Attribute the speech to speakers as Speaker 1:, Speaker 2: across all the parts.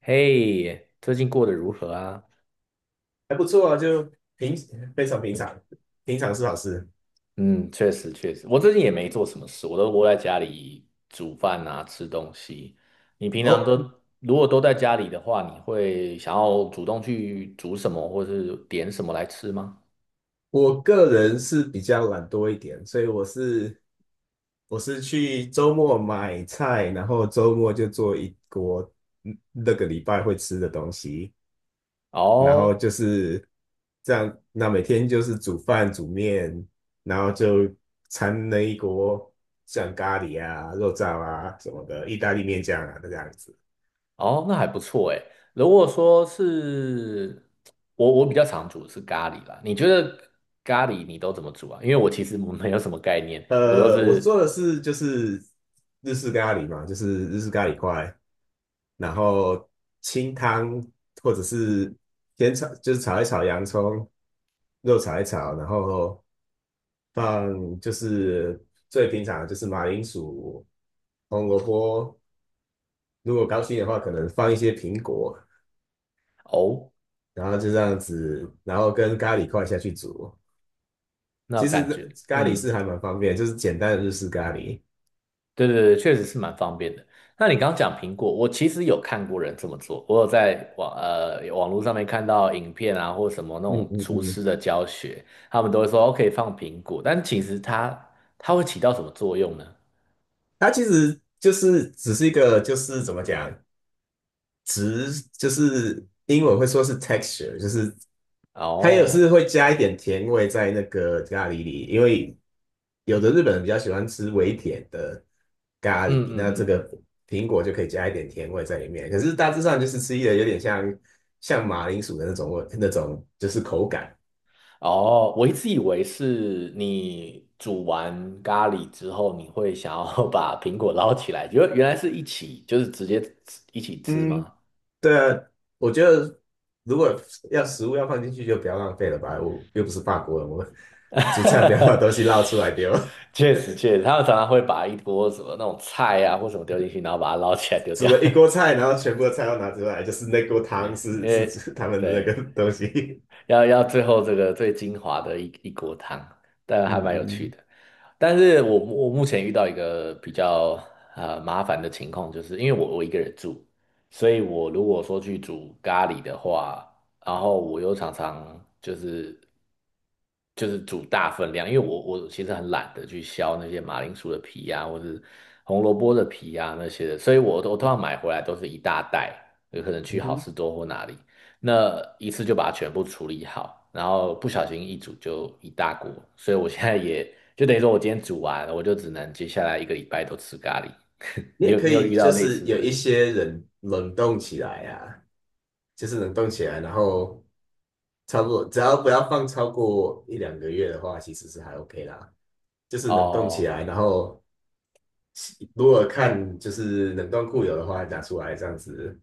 Speaker 1: 嘿，最近过得如何啊？
Speaker 2: 还不错啊，就平非常平常，平常是好事。
Speaker 1: 嗯，确实确实，我最近也没做什么事，我都窝在家里煮饭啊，吃东西。你平常
Speaker 2: 哦，
Speaker 1: 都如果都在家里的话，你会想要主动去煮什么，或是点什么来吃吗？
Speaker 2: 我个人是比较懒惰一点，所以我是去周末买菜，然后周末就做一锅那个礼拜会吃的东西，然后
Speaker 1: 哦
Speaker 2: 就是这样，那每天就是煮饭煮面，然后就掺了一锅像咖喱啊、肉燥啊什么的，意大利面酱啊这样子。
Speaker 1: 哦，那还不错哎。如果说是我，我比较常煮的是咖喱啦。你觉得咖喱你都怎么煮啊？因为我其实没有什么概念，我都
Speaker 2: 我
Speaker 1: 是。
Speaker 2: 做的是就是日式咖喱嘛，就是日式咖喱块，然后清汤或者是先炒，就是炒一炒洋葱，肉炒一炒，然后放就是最平常的就是马铃薯、红萝卜，如果高兴的话，可能放一些苹果，
Speaker 1: 哦，
Speaker 2: 然后就这样子，然后跟咖喱块下去煮。
Speaker 1: 那
Speaker 2: 其实
Speaker 1: 感觉。
Speaker 2: 咖喱
Speaker 1: 嗯。
Speaker 2: 是还蛮方便，就是简单的日式咖喱。
Speaker 1: 对对对，确实是蛮方便的。那你刚刚讲苹果，我其实有看过人这么做，我有在网络上面看到影片啊，或什么那
Speaker 2: 嗯
Speaker 1: 种
Speaker 2: 嗯
Speaker 1: 厨
Speaker 2: 嗯，
Speaker 1: 师的教学，他们都会说哦可以放苹果，但其实它会起到什么作用呢？
Speaker 2: 它其实就是只是一个，就是怎么讲，直就是英文会说是 texture，就是它也
Speaker 1: 哦，
Speaker 2: 是会加一点甜味在那个咖喱里，因为有的日本人比较喜欢吃微甜的咖
Speaker 1: 嗯
Speaker 2: 喱，那
Speaker 1: 嗯
Speaker 2: 这
Speaker 1: 嗯。
Speaker 2: 个苹果就可以加一点甜味在里面。可是大致上就是吃起来有点像马铃薯的那种味，那种就是口感。
Speaker 1: 哦，我一直以为是你煮完咖喱之后，你会想要 把苹果捞起来，原来是一起，就是直接吃一起吃
Speaker 2: 嗯，
Speaker 1: 吗？
Speaker 2: 对啊，我觉得如果要食物要放进去，就不要浪费了吧。我又不是法国人，我煮菜不要把 东西捞出来丢。
Speaker 1: 确实，确实，他们常常会把一锅什么那种菜啊或什么丢进去，然后把它捞起来丢
Speaker 2: 煮
Speaker 1: 掉。
Speaker 2: 了 一锅菜，然后全部的菜都拿出来，就是那锅
Speaker 1: 对，
Speaker 2: 汤
Speaker 1: 因
Speaker 2: 是 是
Speaker 1: 为
Speaker 2: 指他们的那
Speaker 1: 对，
Speaker 2: 个东西。
Speaker 1: 要最后这个最精华的一锅汤，但
Speaker 2: 嗯
Speaker 1: 还蛮有趣
Speaker 2: 嗯
Speaker 1: 的。但是我目前遇到一个比较麻烦的情况，就是因为我一个人住，所以我如果说去煮咖喱的话，然后我又常常就是煮大分量，因为我其实很懒得去削那些马铃薯的皮呀、或者红萝卜的皮呀、那些的，所以我通常买回来都是一大袋，有可能去
Speaker 2: 嗯
Speaker 1: 好
Speaker 2: 哼，
Speaker 1: 市多或哪里。那一次就把它全部处理好，然后不小心一煮就一大锅，所以我现在也就等于说我今天煮完，我就只能接下来一个礼拜都吃咖喱。
Speaker 2: 你
Speaker 1: 你
Speaker 2: 也
Speaker 1: 有
Speaker 2: 可
Speaker 1: 你有
Speaker 2: 以
Speaker 1: 遇到
Speaker 2: 就
Speaker 1: 类
Speaker 2: 是
Speaker 1: 似
Speaker 2: 有一
Speaker 1: 的？
Speaker 2: 些人冷冻起来啊，就是冷冻起来，然后差不多只要不要放超过一两个月的话，其实是还 OK 啦。就是冷冻起
Speaker 1: 哦
Speaker 2: 来，然后如果看就是冷冻库有的话拿出来这样子，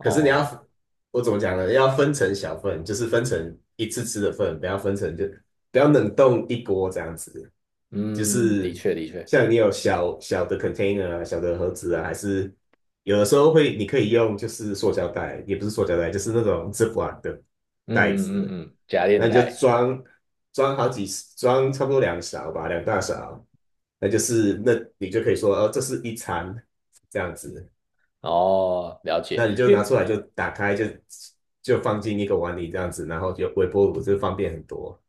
Speaker 2: 可是你要，我怎么讲呢？要分成小份，就是分成一次吃的份，不要分成就不要冷冻一锅这样子。就
Speaker 1: 嗯，的
Speaker 2: 是
Speaker 1: 确的确，
Speaker 2: 像你有小小的 container 啊，小的盒子啊，还是有的时候会，你可以用就是塑胶袋，也不是塑胶袋，就是那种 Ziploc 的
Speaker 1: 嗯
Speaker 2: 袋
Speaker 1: 嗯嗯
Speaker 2: 子，
Speaker 1: 嗯，加
Speaker 2: 那
Speaker 1: 链
Speaker 2: 你就
Speaker 1: 带，
Speaker 2: 装装好几装差不多两勺吧，两大勺，那你就可以说，哦，这是一餐这样子。
Speaker 1: 哦，了
Speaker 2: 那
Speaker 1: 解，
Speaker 2: 你就
Speaker 1: 因
Speaker 2: 拿出
Speaker 1: 为
Speaker 2: 来就打开就放进一个碗里这样子，然后就微波炉就方便很多。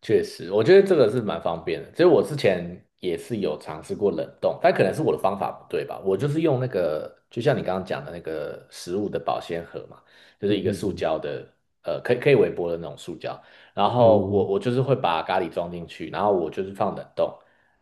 Speaker 1: 确实，我觉得这个是蛮方便的。其实我之前也是有尝试过冷冻，但可能是我的方法不对吧。我就是用那个，就像你刚刚讲的那个食物的保鲜盒嘛，就是
Speaker 2: 嗯
Speaker 1: 一个
Speaker 2: 嗯
Speaker 1: 塑
Speaker 2: 嗯
Speaker 1: 胶的，可以微波的那种塑胶。然后我
Speaker 2: 嗯
Speaker 1: 我就是会把咖喱装进去，然后我就是放冷冻，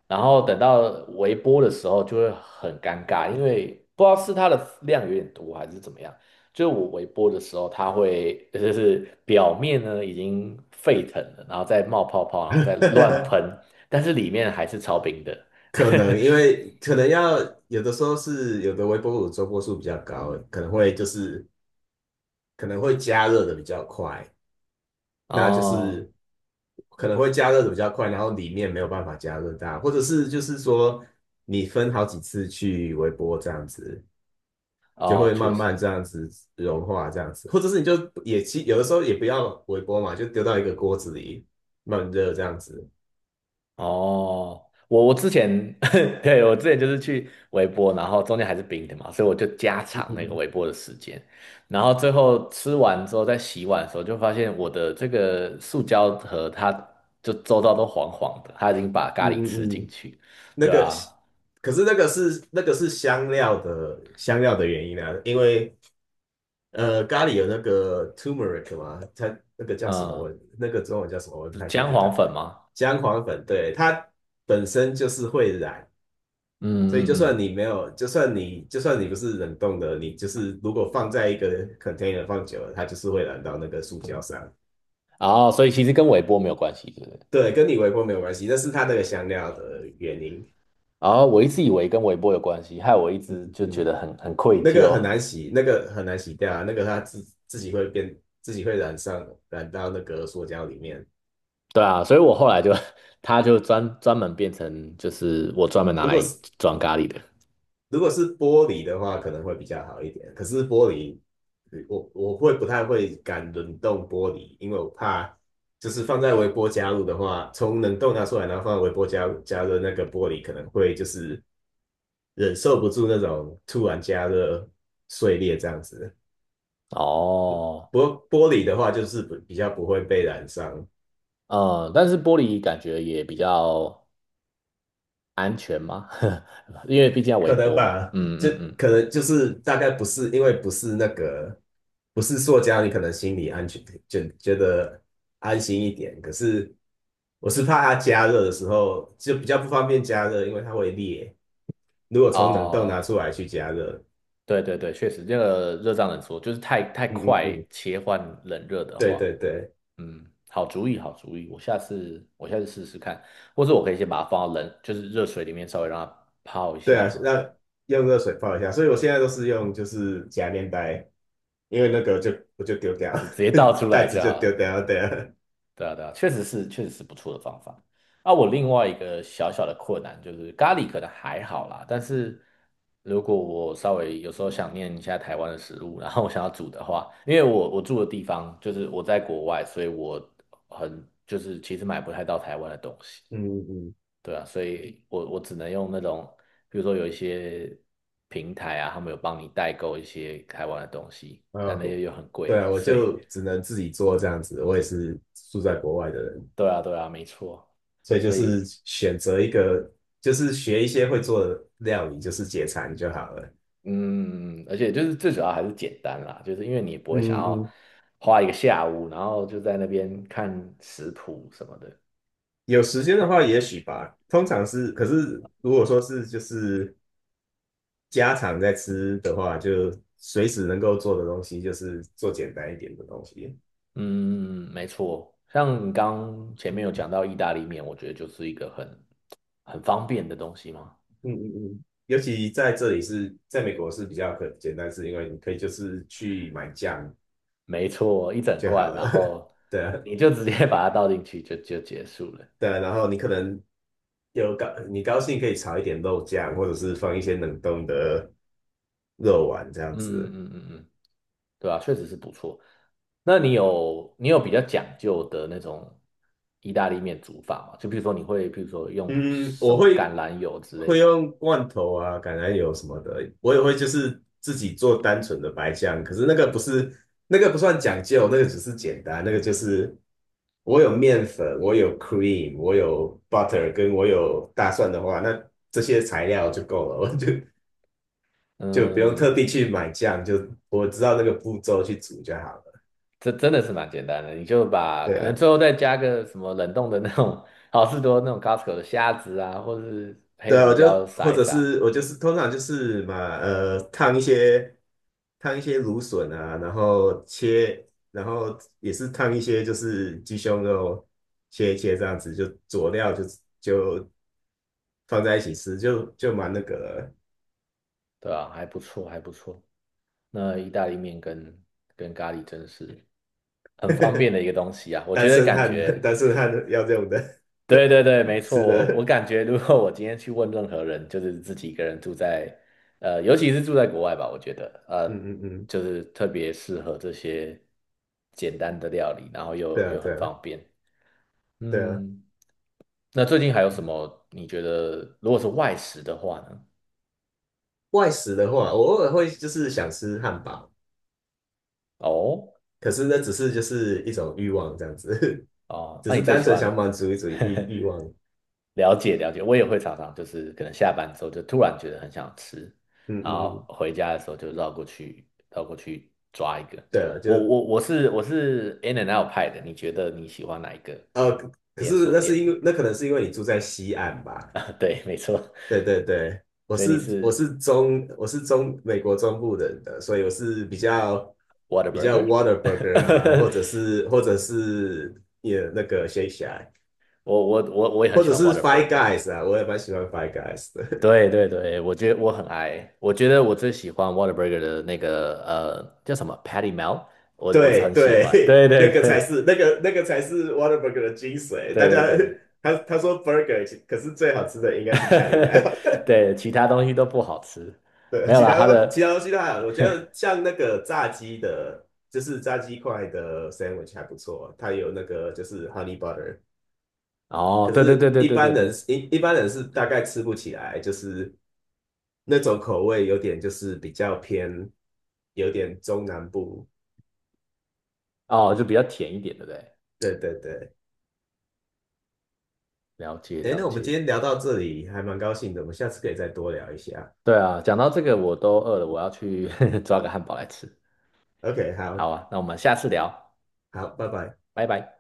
Speaker 1: 然后等到微波的时候就会很尴尬，因为不知道是它的量有点多还是怎么样。就是我微波的时候，它会就是表面呢已经沸腾了，然后再冒泡泡，然后再
Speaker 2: 嗯
Speaker 1: 乱
Speaker 2: 嗯，
Speaker 1: 喷，但是里面还是超冰的。
Speaker 2: 可 能因为可能要有的时候是有的微波炉周波数比较高，可能会就是可能会加热的比较快，那就
Speaker 1: 哦
Speaker 2: 是可能会加热的比较快，然后里面没有办法加热到，或者是就是说你分好几次去微波这样子。就
Speaker 1: 哦，
Speaker 2: 会
Speaker 1: 确
Speaker 2: 慢慢
Speaker 1: 实。
Speaker 2: 这样子融化，这样子，或者是你就也其有的时候也不要微波嘛，就丢到一个锅子里慢热这样子。
Speaker 1: 哦，我之前 对我之前就是去微波，然后中间还是冰的嘛，所以我就加
Speaker 2: 嗯
Speaker 1: 长那个
Speaker 2: 嗯
Speaker 1: 微波的时间，然后最后吃完之后在洗碗的时候，就发现我的这个塑胶盒它就周遭都黄黄的，它已经把咖喱
Speaker 2: 嗯，嗯
Speaker 1: 吃
Speaker 2: 嗯
Speaker 1: 进
Speaker 2: 嗯，
Speaker 1: 去，
Speaker 2: 那
Speaker 1: 对
Speaker 2: 个，
Speaker 1: 啊。
Speaker 2: 可是那个是香料的原因啊，因为咖喱有那个 turmeric 嘛，它那个叫什么
Speaker 1: 嗯，
Speaker 2: 我那个中文叫什么我不太确
Speaker 1: 姜
Speaker 2: 定
Speaker 1: 黄
Speaker 2: 啊，
Speaker 1: 粉吗？
Speaker 2: 姜黄粉，对，它本身就是会染，所以
Speaker 1: 嗯嗯
Speaker 2: 就算
Speaker 1: 嗯，
Speaker 2: 你没有，就算你就算你不是冷冻的，你就是如果放在一个 container 放久了，它就是会染到那个塑胶上。
Speaker 1: 哦，所以其实跟微波没有关系，对不对？
Speaker 2: 对，跟你微波没有关系，那是它那个香料的原因。
Speaker 1: 哦，我一直以为跟微波有关系，害我一直就觉
Speaker 2: 嗯，
Speaker 1: 得很愧
Speaker 2: 那个
Speaker 1: 疚。
Speaker 2: 很难洗，那个很难洗掉啊，那个它自己会变，自己会染到那个塑胶里面。
Speaker 1: 对啊，所以我后来就，它就专门变成就是我专门拿
Speaker 2: 如果
Speaker 1: 来
Speaker 2: 是
Speaker 1: 装咖喱的。
Speaker 2: 如果是玻璃的话，可能会比较好一点。可是玻璃，我会不太会敢冷冻玻璃，因为我怕就是放在微波加热的话，从冷冻拿出来，然后放在微波加热，那个玻璃可能会就是忍受不住那种突然加热碎裂这样子。
Speaker 1: 哦，
Speaker 2: 不过玻璃的话，就是比较不会被染伤。
Speaker 1: 嗯，但是玻璃感觉也比较安全嘛，因为毕竟要微
Speaker 2: 可能
Speaker 1: 波嘛。
Speaker 2: 吧，
Speaker 1: 嗯
Speaker 2: 就
Speaker 1: 嗯嗯，
Speaker 2: 可能就是大概不是因为不是那个不是塑胶，你可能心里安全就觉得安心一点。可是我是怕它加热的时候就比较不方便加热，因为它会裂。如果从冷冻拿
Speaker 1: 哦，
Speaker 2: 出来去加热，
Speaker 1: 对对对，确实，这个热胀冷缩，就是太太
Speaker 2: 嗯嗯
Speaker 1: 快
Speaker 2: 嗯，
Speaker 1: 切换冷热的
Speaker 2: 对
Speaker 1: 话。
Speaker 2: 对对，
Speaker 1: 嗯，好主意，好主意，我下次试试看，或者我可以先把它放到冷，就是热水里面稍微让它泡一
Speaker 2: 对
Speaker 1: 下
Speaker 2: 啊，
Speaker 1: 嘛，
Speaker 2: 那用热水泡一下。所以我现在都是用就是夹面袋，因为那个就我就丢掉，
Speaker 1: 直接倒出 来
Speaker 2: 袋子
Speaker 1: 就
Speaker 2: 就
Speaker 1: 好
Speaker 2: 丢
Speaker 1: 了。
Speaker 2: 掉，对啊，
Speaker 1: 对啊，对啊，确实是不错的方法。啊，我另外一个小小的困难就是咖喱可能还好啦，但是如果我稍微有时候想念一下台湾的食物，然后我想要煮的话，因为我住的地方就是我在国外，所以我很就是其实买不太到台湾的东西。
Speaker 2: 嗯嗯嗯。
Speaker 1: 对啊，所以我只能用那种，比如说有一些平台啊，他们有帮你代购一些台湾的东西，但
Speaker 2: 呃，
Speaker 1: 那些又很
Speaker 2: 对
Speaker 1: 贵，
Speaker 2: 啊，我
Speaker 1: 所以
Speaker 2: 就只能自己做这样子。我也是住在国外的人，
Speaker 1: 对啊，对啊，没错，
Speaker 2: 所以就
Speaker 1: 所
Speaker 2: 是
Speaker 1: 以
Speaker 2: 选择一个，就是学一些会做的料理，就是解馋就好了。
Speaker 1: 嗯，而且就是最主要还是简单啦，就是因为你也不会想
Speaker 2: 嗯
Speaker 1: 要
Speaker 2: 嗯，
Speaker 1: 花一个下午，然后就在那边看食谱什么的。
Speaker 2: 有时间的话，也许吧。通常是，可是如果说是就是家常在吃的话，就随时能够做的东西，就是做简单一点的东西。
Speaker 1: 嗯，没错，像你刚前面有讲到意大利面，我觉得就是一个很方便的东西嘛。
Speaker 2: 嗯嗯嗯。尤其在这里是，在美国是比较简单，是因为你可以就是去买酱
Speaker 1: 没错，一整
Speaker 2: 就好
Speaker 1: 罐，然
Speaker 2: 了。
Speaker 1: 后
Speaker 2: 对啊，
Speaker 1: 你就直接 把它倒进去就，就结束了。
Speaker 2: 对啊然后你可能你高兴可以炒一点肉酱，或者是放一些冷冻的肉丸这样
Speaker 1: 嗯
Speaker 2: 子。
Speaker 1: 嗯嗯嗯，对啊，确实是不错。那你有比较讲究的那种意大利面煮法吗？就比如说你会，比如说用
Speaker 2: 嗯，
Speaker 1: 什
Speaker 2: 我
Speaker 1: 么
Speaker 2: 会
Speaker 1: 橄榄油之类
Speaker 2: 会
Speaker 1: 的。
Speaker 2: 用罐头啊、橄榄油什么的，我也会就是自己做单纯的白酱，可是那个不算讲究，那个只是简单，那个就是我有面粉，我有 cream，我有 butter，跟我有大蒜的话，那这些材料就够了，我就就不用特
Speaker 1: 嗯，
Speaker 2: 地去买酱，就我知道那个步骤去煮就好了。
Speaker 1: 这真的是蛮简单的，你就把
Speaker 2: 对
Speaker 1: 可能
Speaker 2: 啊，
Speaker 1: 最后再加个什么冷冻的那种好事多那种 Costco 的虾子啊，或者是黑
Speaker 2: 对啊，
Speaker 1: 胡
Speaker 2: 我就
Speaker 1: 椒撒
Speaker 2: 或
Speaker 1: 一
Speaker 2: 者
Speaker 1: 撒，
Speaker 2: 是我就是通常就是嘛，呃，烫一些芦笋啊，然后切，然后也是烫一些就是鸡胸肉，切一切这样子，就佐料就就放在一起吃，就蛮那个了
Speaker 1: 对啊，还不错，还不错。那意大利面跟咖喱真是很方便 的一个东西啊！我
Speaker 2: 单
Speaker 1: 觉得
Speaker 2: 身
Speaker 1: 感
Speaker 2: 汉
Speaker 1: 觉，
Speaker 2: 单身汉要用的
Speaker 1: 对对对，没 错。
Speaker 2: 吃
Speaker 1: 我
Speaker 2: 的，
Speaker 1: 感觉，如果我今天去问任何人，就是自己一个人住在，呃，尤其是住在国外吧，我觉得，呃，
Speaker 2: 嗯嗯嗯，
Speaker 1: 就是特别适合这些简单的料理，然后
Speaker 2: 对
Speaker 1: 又
Speaker 2: 啊
Speaker 1: 又
Speaker 2: 对
Speaker 1: 很
Speaker 2: 啊
Speaker 1: 方便。
Speaker 2: 对啊。
Speaker 1: 嗯，那最近还有什么？你觉得如果是外食的话呢？
Speaker 2: 外食的话，我偶尔会就是想吃汉堡，
Speaker 1: 哦
Speaker 2: 可是那只是就是一种欲望这样子，
Speaker 1: 哦，
Speaker 2: 只
Speaker 1: 那你
Speaker 2: 是
Speaker 1: 最
Speaker 2: 单
Speaker 1: 喜
Speaker 2: 纯
Speaker 1: 欢？
Speaker 2: 想满足一种欲 欲望。
Speaker 1: 了解了解，我也会常常就是可能下班之后就突然觉得很想吃，
Speaker 2: 嗯
Speaker 1: 然
Speaker 2: 嗯
Speaker 1: 后
Speaker 2: 嗯，
Speaker 1: 回家的时候就绕过去抓一个。
Speaker 2: 对了，
Speaker 1: 我
Speaker 2: 就
Speaker 1: 我我是我是 In and Out 派的，你觉得你喜欢哪一个
Speaker 2: 呃，可
Speaker 1: 连
Speaker 2: 是
Speaker 1: 锁
Speaker 2: 那是
Speaker 1: 店
Speaker 2: 因
Speaker 1: 呢？
Speaker 2: 为那可能是因为你住在西岸 吧？
Speaker 1: 啊，对，没错，
Speaker 2: 对对对，我
Speaker 1: 所以你
Speaker 2: 是我
Speaker 1: 是
Speaker 2: 是中我是中美国中部人的，所以我是比较
Speaker 1: w h a t e r b
Speaker 2: 比
Speaker 1: u r g e
Speaker 2: 较 Whataburger 啊，或
Speaker 1: r。
Speaker 2: 者是或者是也那个 Shake Shack，
Speaker 1: 我也很
Speaker 2: 或
Speaker 1: 喜
Speaker 2: 者
Speaker 1: 欢 w h a
Speaker 2: 是
Speaker 1: t e r b u r
Speaker 2: Five
Speaker 1: g e r。
Speaker 2: Guys 啊，我也蛮喜欢 Five Guys 的。
Speaker 1: 对对对，我觉得我很爱，我觉得我最喜欢 w h a t e r b u r g e r 的那个叫什么 Patty Melt，我
Speaker 2: 对
Speaker 1: 很喜欢。对
Speaker 2: 对，
Speaker 1: 对
Speaker 2: 那个才
Speaker 1: 对
Speaker 2: 是那个那个才是 w a t e r b u r g e r 的精髓。
Speaker 1: 对
Speaker 2: 大
Speaker 1: 对
Speaker 2: 家
Speaker 1: 对。
Speaker 2: 他说 burger，可是最好吃的应该是 patty m e l
Speaker 1: 对，其他东西都不好吃，没
Speaker 2: 对，
Speaker 1: 有啦，它的。
Speaker 2: 其他东西都还好。我觉得像那个炸鸡的，就是炸鸡块的 sandwich 还不错，它有那个就是 honey butter。
Speaker 1: 哦，
Speaker 2: 可
Speaker 1: 对对对
Speaker 2: 是，
Speaker 1: 对
Speaker 2: 一
Speaker 1: 对对
Speaker 2: 般人
Speaker 1: 对。
Speaker 2: 一一般人是大概吃不起来，就是那种口味有点就是比较偏，有点中南部。
Speaker 1: 哦，就比较甜一点，对不对？
Speaker 2: 对对对。
Speaker 1: 了解
Speaker 2: 哎，
Speaker 1: 了
Speaker 2: 那我们今
Speaker 1: 解，
Speaker 2: 天聊到这里，还蛮高兴的，我们下次可以再多聊一下。
Speaker 1: 对啊，讲到这个我都饿了，我要去 抓个汉堡来吃。
Speaker 2: OK，
Speaker 1: 好
Speaker 2: 好，
Speaker 1: 啊，那我们下次聊，
Speaker 2: 好，拜拜。
Speaker 1: 拜拜。